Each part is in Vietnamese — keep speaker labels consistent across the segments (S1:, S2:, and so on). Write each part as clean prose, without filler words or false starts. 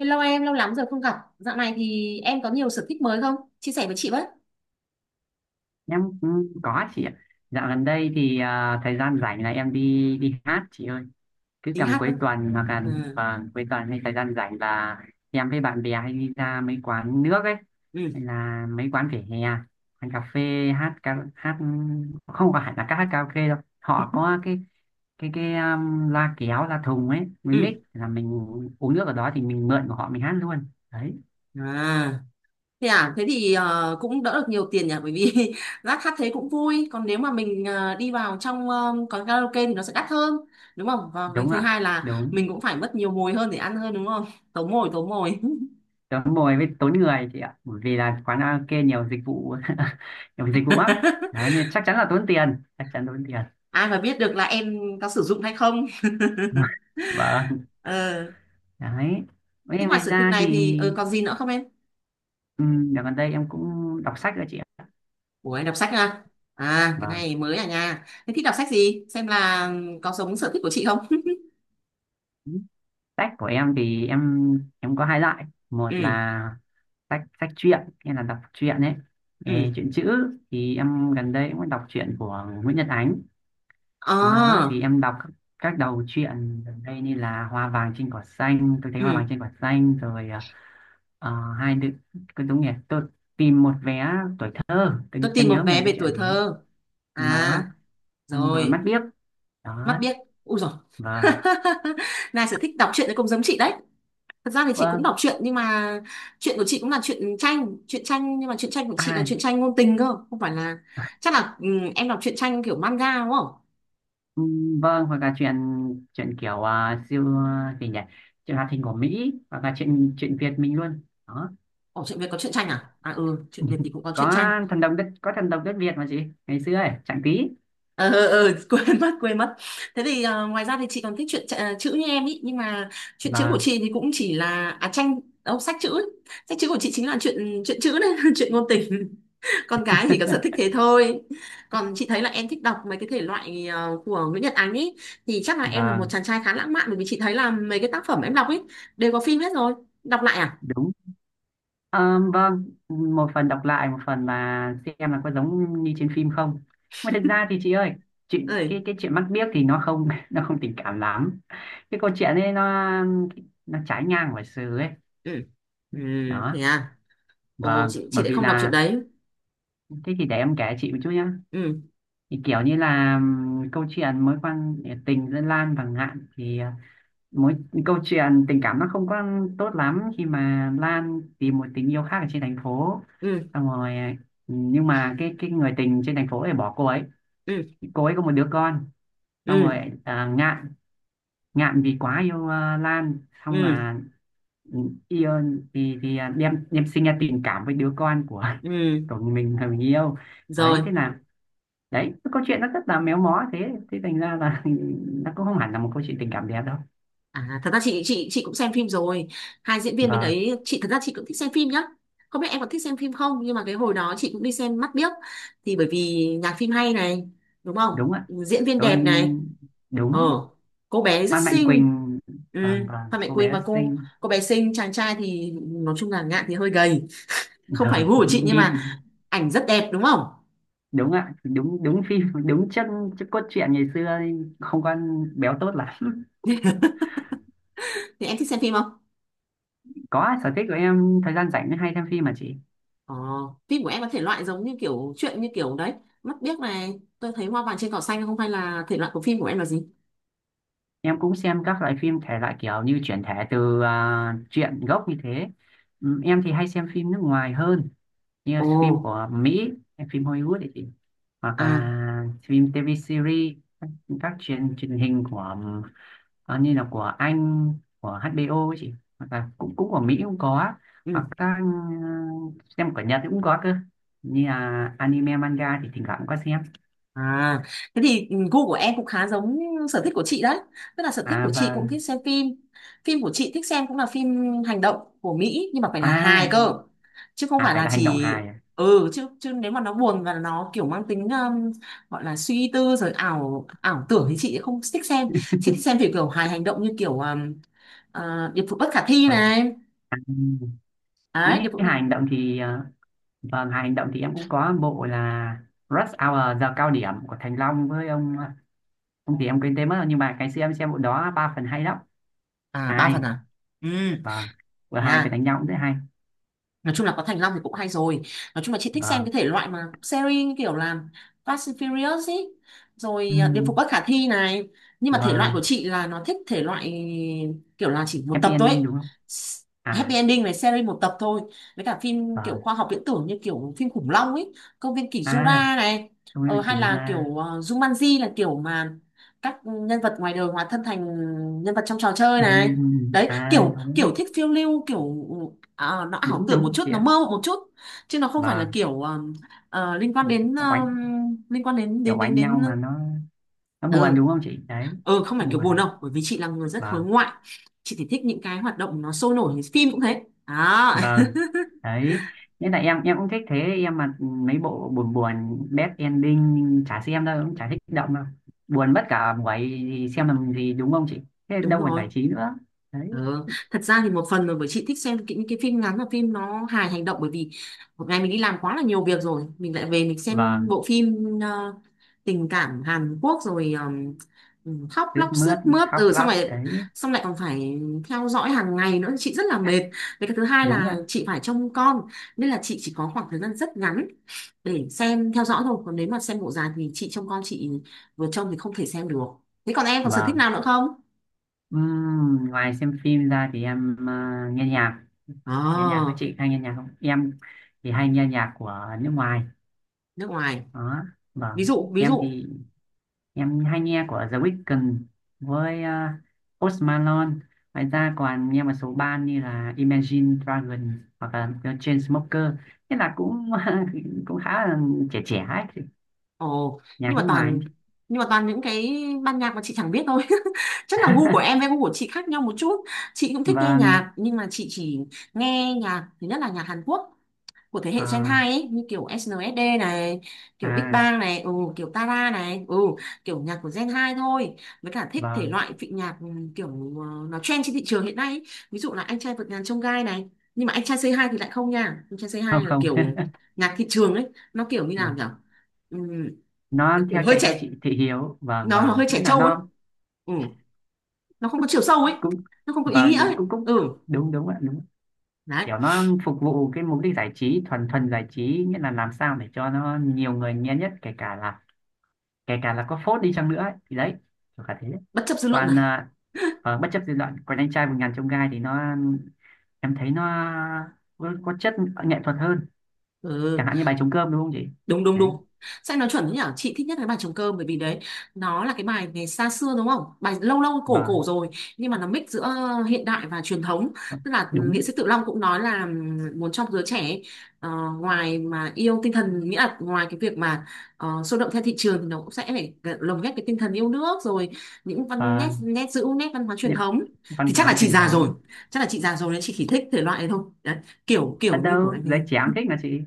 S1: Hello em, lâu lắm rồi không gặp. Dạo này thì em có nhiều sở thích mới không? Chia sẻ với chị với.
S2: Em cũng có chị ạ. Dạo gần đây thì thời gian rảnh là em đi đi hát chị ơi. Cứ
S1: Đi
S2: tầm
S1: hát nữa.
S2: cuối tuần hoặc là
S1: Ừ.
S2: vâng, cuối tuần hay thời gian rảnh là em với bạn bè hay đi ra mấy quán nước ấy, hay
S1: Ừ.
S2: là mấy quán vỉa hè, quán cà phê hát hát. Không phải là các hát karaoke đâu, họ có cái loa kéo loa thùng ấy, mình mix
S1: Ừ.
S2: là mình uống nước ở đó thì mình mượn của họ mình hát luôn đấy.
S1: À. Thế à, thế thì cũng đỡ được nhiều tiền nhỉ bởi vì rác hát thế cũng vui. Còn nếu mà mình đi vào trong quán karaoke thì nó sẽ đắt hơn. Đúng không? Và cái
S2: Đúng
S1: thứ
S2: ạ,
S1: hai là
S2: đúng.
S1: mình cũng phải mất nhiều mồi hơn để ăn hơn đúng không? Tốn mồi, tốn mồi.
S2: Tớ ngồi với tốn người chị ạ, bởi vì là quán karaoke nhiều dịch vụ, nhiều dịch vụ lắm đấy, nên chắc chắn là tốn tiền, chắc chắn tốn tiền.
S1: Ai mà biết được là em có sử dụng hay không?
S2: Vâng,
S1: Ờ.
S2: đấy. Với
S1: Thế
S2: em
S1: ngoài
S2: ngoài
S1: sở thích
S2: ra thì
S1: này thì còn gì nữa không em?
S2: ừ, dạo gần đây em cũng đọc sách rồi chị ạ.
S1: Ủa anh đọc sách à? À cái
S2: Vâng,
S1: này mới à nha. Thế thích đọc sách gì? Xem là có giống sở thích của chị không?
S2: sách của em thì em có hai loại. Một
S1: Ừ,
S2: là sách sách truyện, em là đọc truyện ấy.
S1: ừ.
S2: Ê, truyện chữ thì em gần đây cũng đọc truyện của Nguyễn Nhật Ánh. Đúng rồi đó. Thì
S1: À,
S2: em đọc các đầu truyện gần đây như là Hoa vàng trên cỏ xanh, tôi thấy Hoa vàng
S1: ừ.
S2: trên cỏ xanh rồi, hai đứa, cái đúng nhỉ, tôi tìm một vé tuổi thơ,
S1: Tôi
S2: em
S1: tìm một
S2: nhớ
S1: vé
S2: nhầm cái
S1: về tuổi
S2: chuyện thế.
S1: thơ.
S2: Đó,
S1: À,
S2: xong rồi mắt
S1: rồi.
S2: biếc.
S1: Mắt
S2: Đó,
S1: biết. Ui rồi.
S2: vâng.
S1: Này sở thích đọc truyện thì cũng giống chị đấy. Thật ra thì chị cũng
S2: Vâng.
S1: đọc truyện nhưng mà truyện của chị cũng là truyện tranh nhưng mà truyện tranh của chị là
S2: À,
S1: truyện tranh ngôn tình cơ, không phải là chắc là em đọc truyện tranh kiểu manga đúng không?
S2: ừ. Vâng, hoặc là chuyện chuyện kiểu siêu gì nhỉ? Chuyện hoạt hình của Mỹ hoặc là chuyện chuyện Việt mình luôn. Đó.
S1: Ồ, truyện Việt có truyện tranh à? À ừ, truyện Việt thì cũng có truyện
S2: Có
S1: tranh.
S2: thần đồng đất, có thần đồng đất Việt mà chị, ngày xưa ấy, chẳng tí.
S1: Ờ, quên mất, thế thì ngoài ra thì chị còn thích chuyện chạ- chữ như em ý nhưng mà chuyện chữ của
S2: Vâng.
S1: chị thì cũng chỉ là à tranh đâu sách chữ ấy. Sách chữ của chị chính là chuyện chuyện chữ đấy, chuyện ngôn tình. Con cái chỉ có sở thích thế thôi. Còn chị thấy là em thích đọc mấy cái thể loại của Nguyễn Nhật Ánh ý, thì chắc là em là một
S2: Vâng.
S1: chàng trai khá lãng mạn, bởi vì chị thấy là mấy cái tác phẩm em đọc ấy đều có phim hết rồi. Đọc lại à?
S2: Đúng. Ờ, vâng, một phần đọc lại, một phần là xem là có giống như trên phim không. Mà thực ra thì chị ơi, chuyện cái
S1: Ơi.
S2: cái chuyện mắt biếc thì nó không, nó không tình cảm lắm. Cái câu chuyện ấy nó trái ngang với sự ấy.
S1: Ừ. Ừ. Thế
S2: Đó,
S1: à. Ồ,
S2: vâng,
S1: chị
S2: bởi
S1: lại
S2: vì
S1: không đọc chuyện
S2: là
S1: đấy.
S2: thế. Thì để em kể chị một chút nhá.
S1: Ừ.
S2: Thì kiểu như là câu chuyện mối quan tình giữa Lan và Ngạn thì mối câu chuyện tình cảm nó không có tốt lắm, khi mà Lan tìm một tình yêu khác ở trên thành phố.
S1: Ừ.
S2: Xong rồi nhưng mà cái người tình trên thành phố này bỏ cô ấy,
S1: Ừ.
S2: cô ấy có một đứa con. Xong
S1: Ừ.
S2: rồi Ngạn Ngạn vì quá yêu Lan, xong
S1: Ừ.
S2: là yêu thì đem đem sinh ra tình cảm với đứa con của,
S1: Ừ.
S2: của mình, thằng mình yêu.
S1: Rồi.
S2: Đấy, thế là đấy, cái câu chuyện nó rất là méo mó, thế thế thành ra là nó cũng không hẳn là một câu chuyện tình cảm đẹp đâu.
S1: À, thật ra chị cũng xem phim rồi, hai diễn viên bên
S2: Vâng,
S1: đấy. Chị thật ra chị cũng thích xem phim nhá, không biết em có thích xem phim không. Nhưng mà cái hồi đó chị cũng đi xem mắt biếc, thì bởi vì nhạc phim hay này, đúng không,
S2: đúng ạ.
S1: diễn viên đẹp
S2: Tôi
S1: này. Ờ,
S2: đúng.
S1: cô bé rất
S2: Phan Mạnh
S1: xinh.
S2: Quỳnh.
S1: Ừ,
S2: Vâng vâng,
S1: Phan Mạnh
S2: cô
S1: Quỳnh.
S2: bé
S1: Mà cô
S2: xinh.
S1: cô bé xinh, chàng trai thì nói chung là Ngạn thì hơi gầy, không phải
S2: Vâng,
S1: gu của chị, nhưng
S2: đi,
S1: mà ảnh rất đẹp đúng không.
S2: đúng ạ, đúng đúng, phim đúng chân chất cốt truyện ngày xưa, không con béo tốt lắm.
S1: Thì em thích xem phim không?
S2: Có, sở thích của em thời gian rảnh hay xem phim mà chị.
S1: Ờ, phim của em có thể loại giống như kiểu chuyện như kiểu đấy mắt biếc này, tôi thấy hoa vàng trên cỏ xanh không, hay là thể loại của phim của em là gì?
S2: Em cũng xem các loại phim thể loại kiểu như chuyển thể từ truyện gốc như thế. Ừ, em thì hay xem phim nước ngoài hơn, như
S1: Ồ.
S2: phim của Mỹ, phim Hollywood ấy chị, hoặc
S1: À.
S2: là phim TV series, các truyền truyền hình của ờ, như là của Anh, của HBO ấy chị, hoặc là cũng cũng của Mỹ cũng có, hoặc
S1: Ừ.
S2: các xem của Nhật cũng có cơ, như là anime manga thì thỉnh thoảng cũng có xem.
S1: À, thế thì gu của em cũng khá giống sở thích của chị đấy. Tức là sở thích
S2: À
S1: của chị
S2: và
S1: cũng thích xem phim. Phim của chị thích xem cũng là phim hành động của Mỹ, nhưng mà phải là hài
S2: à,
S1: cơ. Chứ không
S2: à
S1: phải
S2: phải
S1: là
S2: là hành động
S1: chỉ
S2: hài à,
S1: ừ, chứ chứ nếu mà nó buồn và nó kiểu mang tính gọi là suy tư rồi ảo ảo tưởng thì chị không thích xem. Chị thích xem kiểu kiểu hài hành động như kiểu à, điệp vụ bất khả thi
S2: à,
S1: này.
S2: à. Nếu
S1: Đấy,
S2: như
S1: điệp vụ à,
S2: hài hành động thì vâng, hài hành động thì em cũng có bộ là Rush Hour, giờ cao điểm của Thành Long với ông ông thì em quên tên mất rồi, nhưng mà cái xem em xem bộ đó ba phần hay lắm.
S1: à ba phần
S2: Hay,
S1: à. Ừ,
S2: vâng, vừa hai phải
S1: nha.
S2: đánh nhau cũng rất hay.
S1: Nói chung là có Thành Long thì cũng hay rồi. Nói chung là chị thích xem
S2: Vâng.
S1: cái thể loại mà series như kiểu là Fast and Furious ý,
S2: Ừ,
S1: rồi Điệp phục bất khả thi này. Nhưng mà thể loại của
S2: vâng,
S1: chị là nó thích thể loại kiểu là chỉ một
S2: happy
S1: tập thôi
S2: ending
S1: ấy.
S2: đúng không?
S1: S-
S2: À,
S1: Happy ending này, series một tập thôi, với cả phim kiểu
S2: vâng.
S1: khoa học viễn tưởng như kiểu phim khủng long ấy, công viên kỷ
S2: À,
S1: Jura này.
S2: không biết chị
S1: Hay là kiểu
S2: Luna.
S1: Jumanji là kiểu mà các nhân vật ngoài đời hóa thân thành nhân vật trong trò chơi
S2: Ừ,
S1: này. Đấy,
S2: à,
S1: kiểu kiểu
S2: đúng,
S1: thích phiêu lưu kiểu nó ảo
S2: đúng,
S1: tưởng một
S2: đúng
S1: chút,
S2: chị
S1: nó
S2: ạ.
S1: mơ một chút, chứ nó không phải là
S2: Vâng,
S1: kiểu ờ, ờ, liên quan đến
S2: oánh,
S1: ờ, liên quan đến
S2: kiểu
S1: đến đến
S2: oánh nhau
S1: đến ờ,
S2: mà nó buồn
S1: ừ.
S2: đúng không chị? Đấy,
S1: Ừ, không phải kiểu
S2: buồn.
S1: buồn đâu, bởi vì chị là người rất
S2: Vâng,
S1: hướng ngoại, chị thì thích những cái hoạt động nó sôi nổi, phim cũng thế à.
S2: vâng, đấy. Nên là em cũng thích thế, em mà mấy bộ buồn buồn, bad ending chả xem đâu, cũng chả thích động đâu. Buồn mất cả buổi thì xem làm gì đúng không chị? Thế
S1: Đúng
S2: đâu còn
S1: rồi.
S2: giải trí nữa. Đấy,
S1: Ờ, thật ra thì một phần là bởi chị thích xem những cái phim ngắn và phim nó hài hành động, bởi vì một ngày mình đi làm quá là nhiều việc rồi, mình lại về mình xem
S2: vâng,
S1: bộ phim tình cảm Hàn Quốc rồi khóc
S2: ướt
S1: lóc sướt
S2: mướt,
S1: mướt,
S2: khóc
S1: ừ, xong
S2: lóc,
S1: rồi
S2: đấy,
S1: xong lại còn phải theo dõi hàng ngày nữa, chị rất là mệt. Với cái thứ hai
S2: đúng
S1: là
S2: ạ.
S1: chị phải trông con, nên là chị chỉ có khoảng thời gian rất ngắn để xem theo dõi thôi. Còn nếu mà xem bộ dài thì chị trông con, chị vừa trông thì không thể xem được. Thế còn em còn sở thích
S2: Vâng.
S1: nào nữa không?
S2: Ngoài xem phim ra thì em nghe nhạc. Nghe nhạc, các
S1: Ờ,
S2: chị hay nghe nhạc không, em thì hay nghe nhạc của nước ngoài.
S1: nước ngoài.
S2: Đó, vâng,
S1: Ví dụ ví
S2: em
S1: dụ.
S2: thì em hay nghe của The Weeknd với Post Malone, ngoài ra còn nghe một số band như là Imagine Dragons hoặc là The Chainsmokers. Thế là cũng cũng khá là trẻ trẻ ấy,
S1: Ồ,
S2: nhạc
S1: nhưng mà
S2: nước ngoài.
S1: toàn, nhưng mà toàn những cái ban nhạc mà chị chẳng biết thôi. Chắc là gu của em với gu của chị khác nhau một chút. Chị cũng thích nghe
S2: Vâng.
S1: nhạc, nhưng mà chị chỉ nghe nhạc, thứ nhất là nhạc Hàn Quốc của thế hệ Gen
S2: À,
S1: 2 ấy, như kiểu SNSD này, kiểu Big
S2: à,
S1: Bang này, ừ, kiểu Tara này, ừ, kiểu nhạc của Gen 2 thôi. Với cả thích thể
S2: vâng.
S1: loại vị nhạc, ừ, kiểu nó trend trên thị trường hiện nay ấy. Ví dụ là anh trai vượt ngàn chông gai này, nhưng mà anh trai C2 thì lại không nha. Anh trai C2
S2: Không
S1: là
S2: không.
S1: kiểu nhạc thị trường ấy, nó kiểu như nào nhỉ, ừ,
S2: Nó
S1: nó kiểu
S2: theo
S1: hơi
S2: chạy theo
S1: trẻ,
S2: chị thị hiếu, vâng
S1: nó
S2: vâng,
S1: hơi trẻ
S2: nghĩa là
S1: trâu ấy,
S2: nó
S1: ừ, nó không có chiều sâu ấy,
S2: cũng
S1: nó không có ý
S2: vâng,
S1: nghĩa
S2: đúng,
S1: ấy.
S2: cũng cũng
S1: Ừ,
S2: đúng, đúng ạ, đúng.
S1: đấy,
S2: Kiểu nó phục vụ cái mục đích giải trí, thuần thuần giải trí, nghĩa là làm sao để cho nó nhiều người nghe nhất, kể cả là có phốt đi chăng nữa ấy. Thì đấy, kiểu cả thế.
S1: bất chấp dư luận này.
S2: Còn bất chấp dư luận, còn anh trai vượt ngàn chông gai thì nó, em thấy nó có chất nghệ thuật hơn. Chẳng
S1: Ừ,
S2: hạn như bài trống cơm đúng không chị.
S1: đúng đúng
S2: Đấy,
S1: đúng, sách nó chuẩn thế nhở. Chị thích nhất cái bài trống cơm, bởi vì đấy, nó là cái bài ngày xa xưa đúng không, bài lâu lâu cổ
S2: và
S1: cổ rồi, nhưng mà nó mix giữa hiện đại và truyền thống. Tức là nghệ
S2: đúng,
S1: sĩ Tự Long cũng nói là muốn trong giới trẻ ấy, ờ, ngoài mà yêu tinh thần, nghĩa là ngoài cái việc mà sôi động theo thị trường thì nó cũng sẽ phải lồng ghép cái tinh thần yêu nước, rồi những văn nét
S2: và
S1: nét giữ nét văn hóa truyền
S2: những
S1: thống.
S2: văn
S1: Thì chắc là
S2: hóa
S1: chị
S2: truyền
S1: già rồi,
S2: thống.
S1: chắc là chị già rồi nên chị chỉ thích thể loại này thôi. Đấy, kiểu
S2: Ở
S1: kiểu như của
S2: đâu
S1: anh
S2: giới trẻ
S1: ấy.
S2: cũng thích mà chị.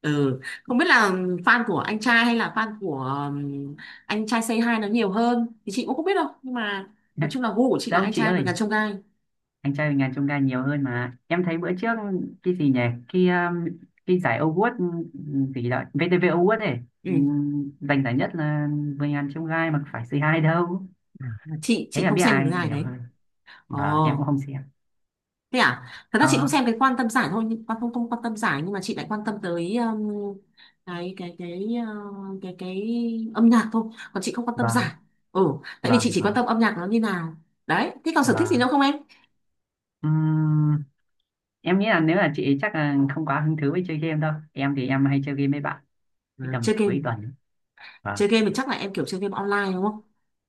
S1: Ừ. Không biết là fan của anh trai hay là fan của um, anh trai Say Hi nó nhiều hơn thì chị cũng không biết đâu, nhưng mà nói chung là gu của chị là
S2: Đâu
S1: anh
S2: chị
S1: trai và
S2: ơi,
S1: gà chông gai.
S2: anh trai mình ngàn chông gai nhiều hơn mà. Em thấy bữa trước, cái gì nhỉ? Cái um, cái giải Award gì đó, VTV Award ấy,
S1: Ừ.
S2: giành giải nhất là 10 ngàn chông gai mà phải c hai đâu.
S1: Mà chị
S2: Thế
S1: chị
S2: là
S1: không
S2: biết
S1: xem cái
S2: ai
S1: giải
S2: nhiều
S1: đấy.
S2: hơn.
S1: Ồ,
S2: Vâng, em cũng không xem.
S1: thế à. Thật ra
S2: Ờ,
S1: chị không xem cái quan tâm giải thôi nhưng- quan không, không quan tâm giải, nhưng mà chị lại quan tâm tới cái cái cái cái âm nhạc thôi, còn chị không quan tâm giải.
S2: vâng,
S1: Ừ, tại vì chị
S2: vâng,
S1: chỉ quan
S2: vâng,
S1: tâm âm nhạc nó như nào. Đấy, thế còn sở thích gì nữa
S2: vâng.
S1: không em?
S2: Ừm, em nghĩ là nếu là chị chắc là không quá hứng thú với chơi game đâu. Em thì em hay chơi game với bạn, cái
S1: À,
S2: tầm
S1: chơi game.
S2: cuối tuần. Vâng.
S1: Chơi game thì chắc là em kiểu chơi game online đúng không?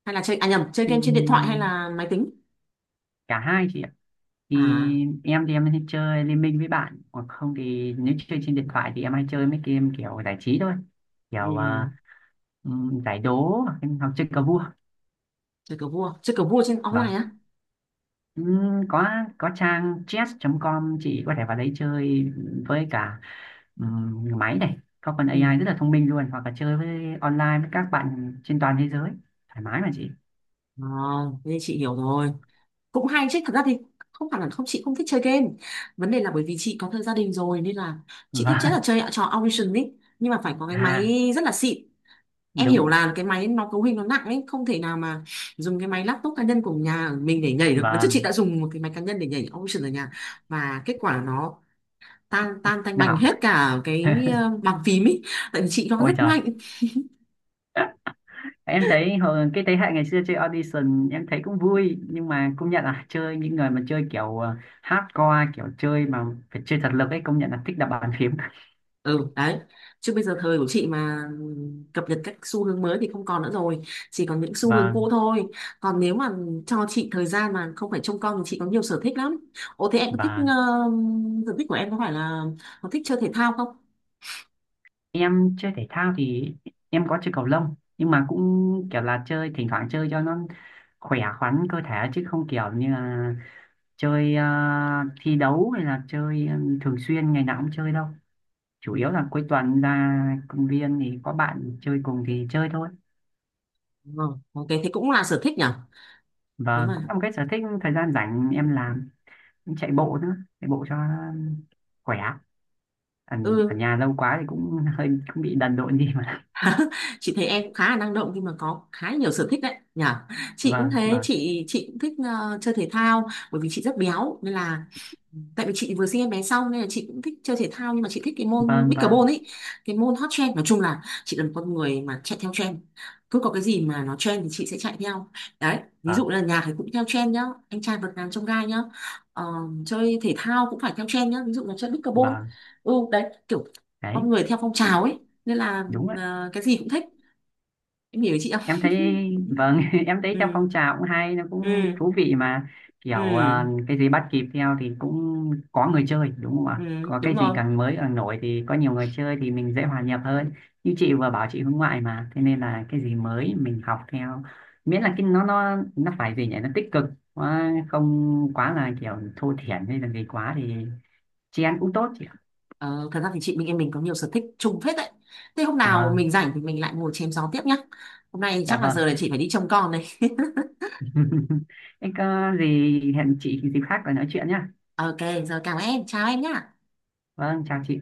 S1: Hay là chơi à nhầm, chơi game trên điện thoại hay
S2: Ừm,
S1: là máy tính?
S2: cả hai chị ạ.
S1: À,
S2: Thì em thì em hay chơi liên minh với bạn, hoặc không thì nếu chơi trên điện thoại thì em hay chơi mấy game kiểu giải trí thôi, kiểu
S1: ừ,
S2: giải đố hoặc hoặc chơi cờ vua.
S1: chơi cờ vua trên online
S2: Vâng.
S1: á?
S2: Ừm, có có trang chess.com, chị có thể vào đấy chơi. Với cả máy này có phần
S1: Ừ.
S2: AI rất là thông minh luôn, hoặc là chơi với online với các bạn trên toàn thế giới thoải mái mà chị.
S1: À, thế thì chị hiểu rồi. Cũng hay chứ, thật ra thì không phải là không, chị không thích chơi game. Vấn đề là bởi vì chị có thời gia đình rồi, nên là chị thích chắc là
S2: Vâng.
S1: chơi trò Audition ấy, nhưng mà phải có cái
S2: À,
S1: máy rất là xịn. Em
S2: đúng,
S1: hiểu là cái máy nó cấu hình nó nặng ấy, không thể nào mà dùng cái máy laptop cá nhân của nhà mình để nhảy được. Lần trước chị
S2: vâng.
S1: đã dùng một cái máy cá nhân để nhảy Audition ở nhà và kết quả nó tan tan tanh bành
S2: Nào.
S1: hết cả cái bàn phím ý, tại vì chị nó
S2: Ôi
S1: rất
S2: trời,
S1: mạnh.
S2: em thấy hồi cái thế hệ ngày xưa chơi audition em thấy cũng vui, nhưng mà công nhận là chơi những người mà chơi kiểu hardcore, kiểu chơi mà phải chơi thật lực ấy, công nhận là thích đập bàn phím.
S1: Ừ đấy, chứ bây giờ thời của chị mà cập nhật các xu hướng mới thì không còn nữa rồi, chỉ còn những xu
S2: và
S1: hướng cũ thôi. Còn nếu mà cho chị thời gian mà không phải trông con thì chị có nhiều sở thích lắm. Ồ, thế em có thích
S2: và
S1: sở thích của em có phải là có thích chơi thể thao không?
S2: em chơi thể thao thì em có chơi cầu lông, nhưng mà cũng kiểu là chơi, thỉnh thoảng chơi cho nó khỏe khoắn cơ thể, chứ không kiểu như là chơi thi đấu hay là chơi thường xuyên ngày nào cũng chơi đâu.
S1: Ừ,
S2: Chủ yếu là cuối tuần ra công viên thì có bạn chơi cùng thì chơi thôi.
S1: ờ, ok, thế cũng là sở thích nhỉ. Nếu
S2: Vâng, cũng
S1: mà
S2: là một cái sở thích thời gian rảnh em làm, em chạy bộ nữa, chạy bộ cho khỏe. Ở, ở
S1: ừ,
S2: nhà lâu quá thì cũng hơi cũng bị đần độn đi mà.
S1: chị thấy em cũng khá là năng động nhưng mà có khá nhiều sở thích đấy nhỉ. Chị cũng
S2: Vâng,
S1: thế,
S2: vâng,
S1: chị cũng thích chơi thể thao, bởi vì chị rất béo nên là tại vì chị vừa sinh em bé xong, nên là chị cũng thích chơi thể thao, nhưng mà chị thích cái môn
S2: vâng,
S1: pickleball
S2: vâng,
S1: ấy, cái môn hot trend. Nói chung là chị là một con người mà chạy theo trend, cứ có cái gì mà nó trend thì chị sẽ chạy theo. Đấy, ví
S2: vâng,
S1: dụ là nhạc thì cũng theo trend nhá, anh trai vượt ngàn chông gai nhá. Ờ, chơi thể thao cũng phải theo trend nhá, ví dụ là chơi pickleball.
S2: vâng,
S1: Ừ đấy, kiểu con
S2: đấy,
S1: người theo phong trào ấy, nên là
S2: đúng rồi.
S1: cái gì cũng thích. Em hiểu chị
S2: Em
S1: không?
S2: thấy vâng. Em thấy
S1: Ừ.
S2: trong phong trào cũng hay, nó cũng
S1: Ừ.
S2: thú vị mà, kiểu
S1: Ừ.
S2: cái gì bắt kịp theo thì cũng có người chơi đúng không
S1: Ừ.
S2: ạ, có
S1: Đúng
S2: cái gì
S1: rồi.
S2: càng mới càng nổi thì có nhiều người chơi thì mình dễ hòa nhập hơn. Như chị vừa bảo chị hướng ngoại mà, thế nên là cái gì mới mình học theo, miễn là cái nó nó phải gì nhỉ, nó tích cực, quá không quá là kiểu thô thiển hay là gì quá thì chị ăn cũng tốt chị ạ.
S1: Ờ, thật ra thì chị mình em mình có nhiều sở thích chung phết đấy. Thế hôm nào
S2: Vâng,
S1: mình rảnh thì mình lại ngồi chém gió tiếp nhá. Hôm nay
S2: dạ
S1: chắc là giờ
S2: vâng.
S1: là chị phải đi trông con đây.
S2: Em có gì hẹn chị dịp khác để nói chuyện nhá.
S1: Ok, giờ cảm ơn em, chào em nhá.
S2: Vâng, chào chị.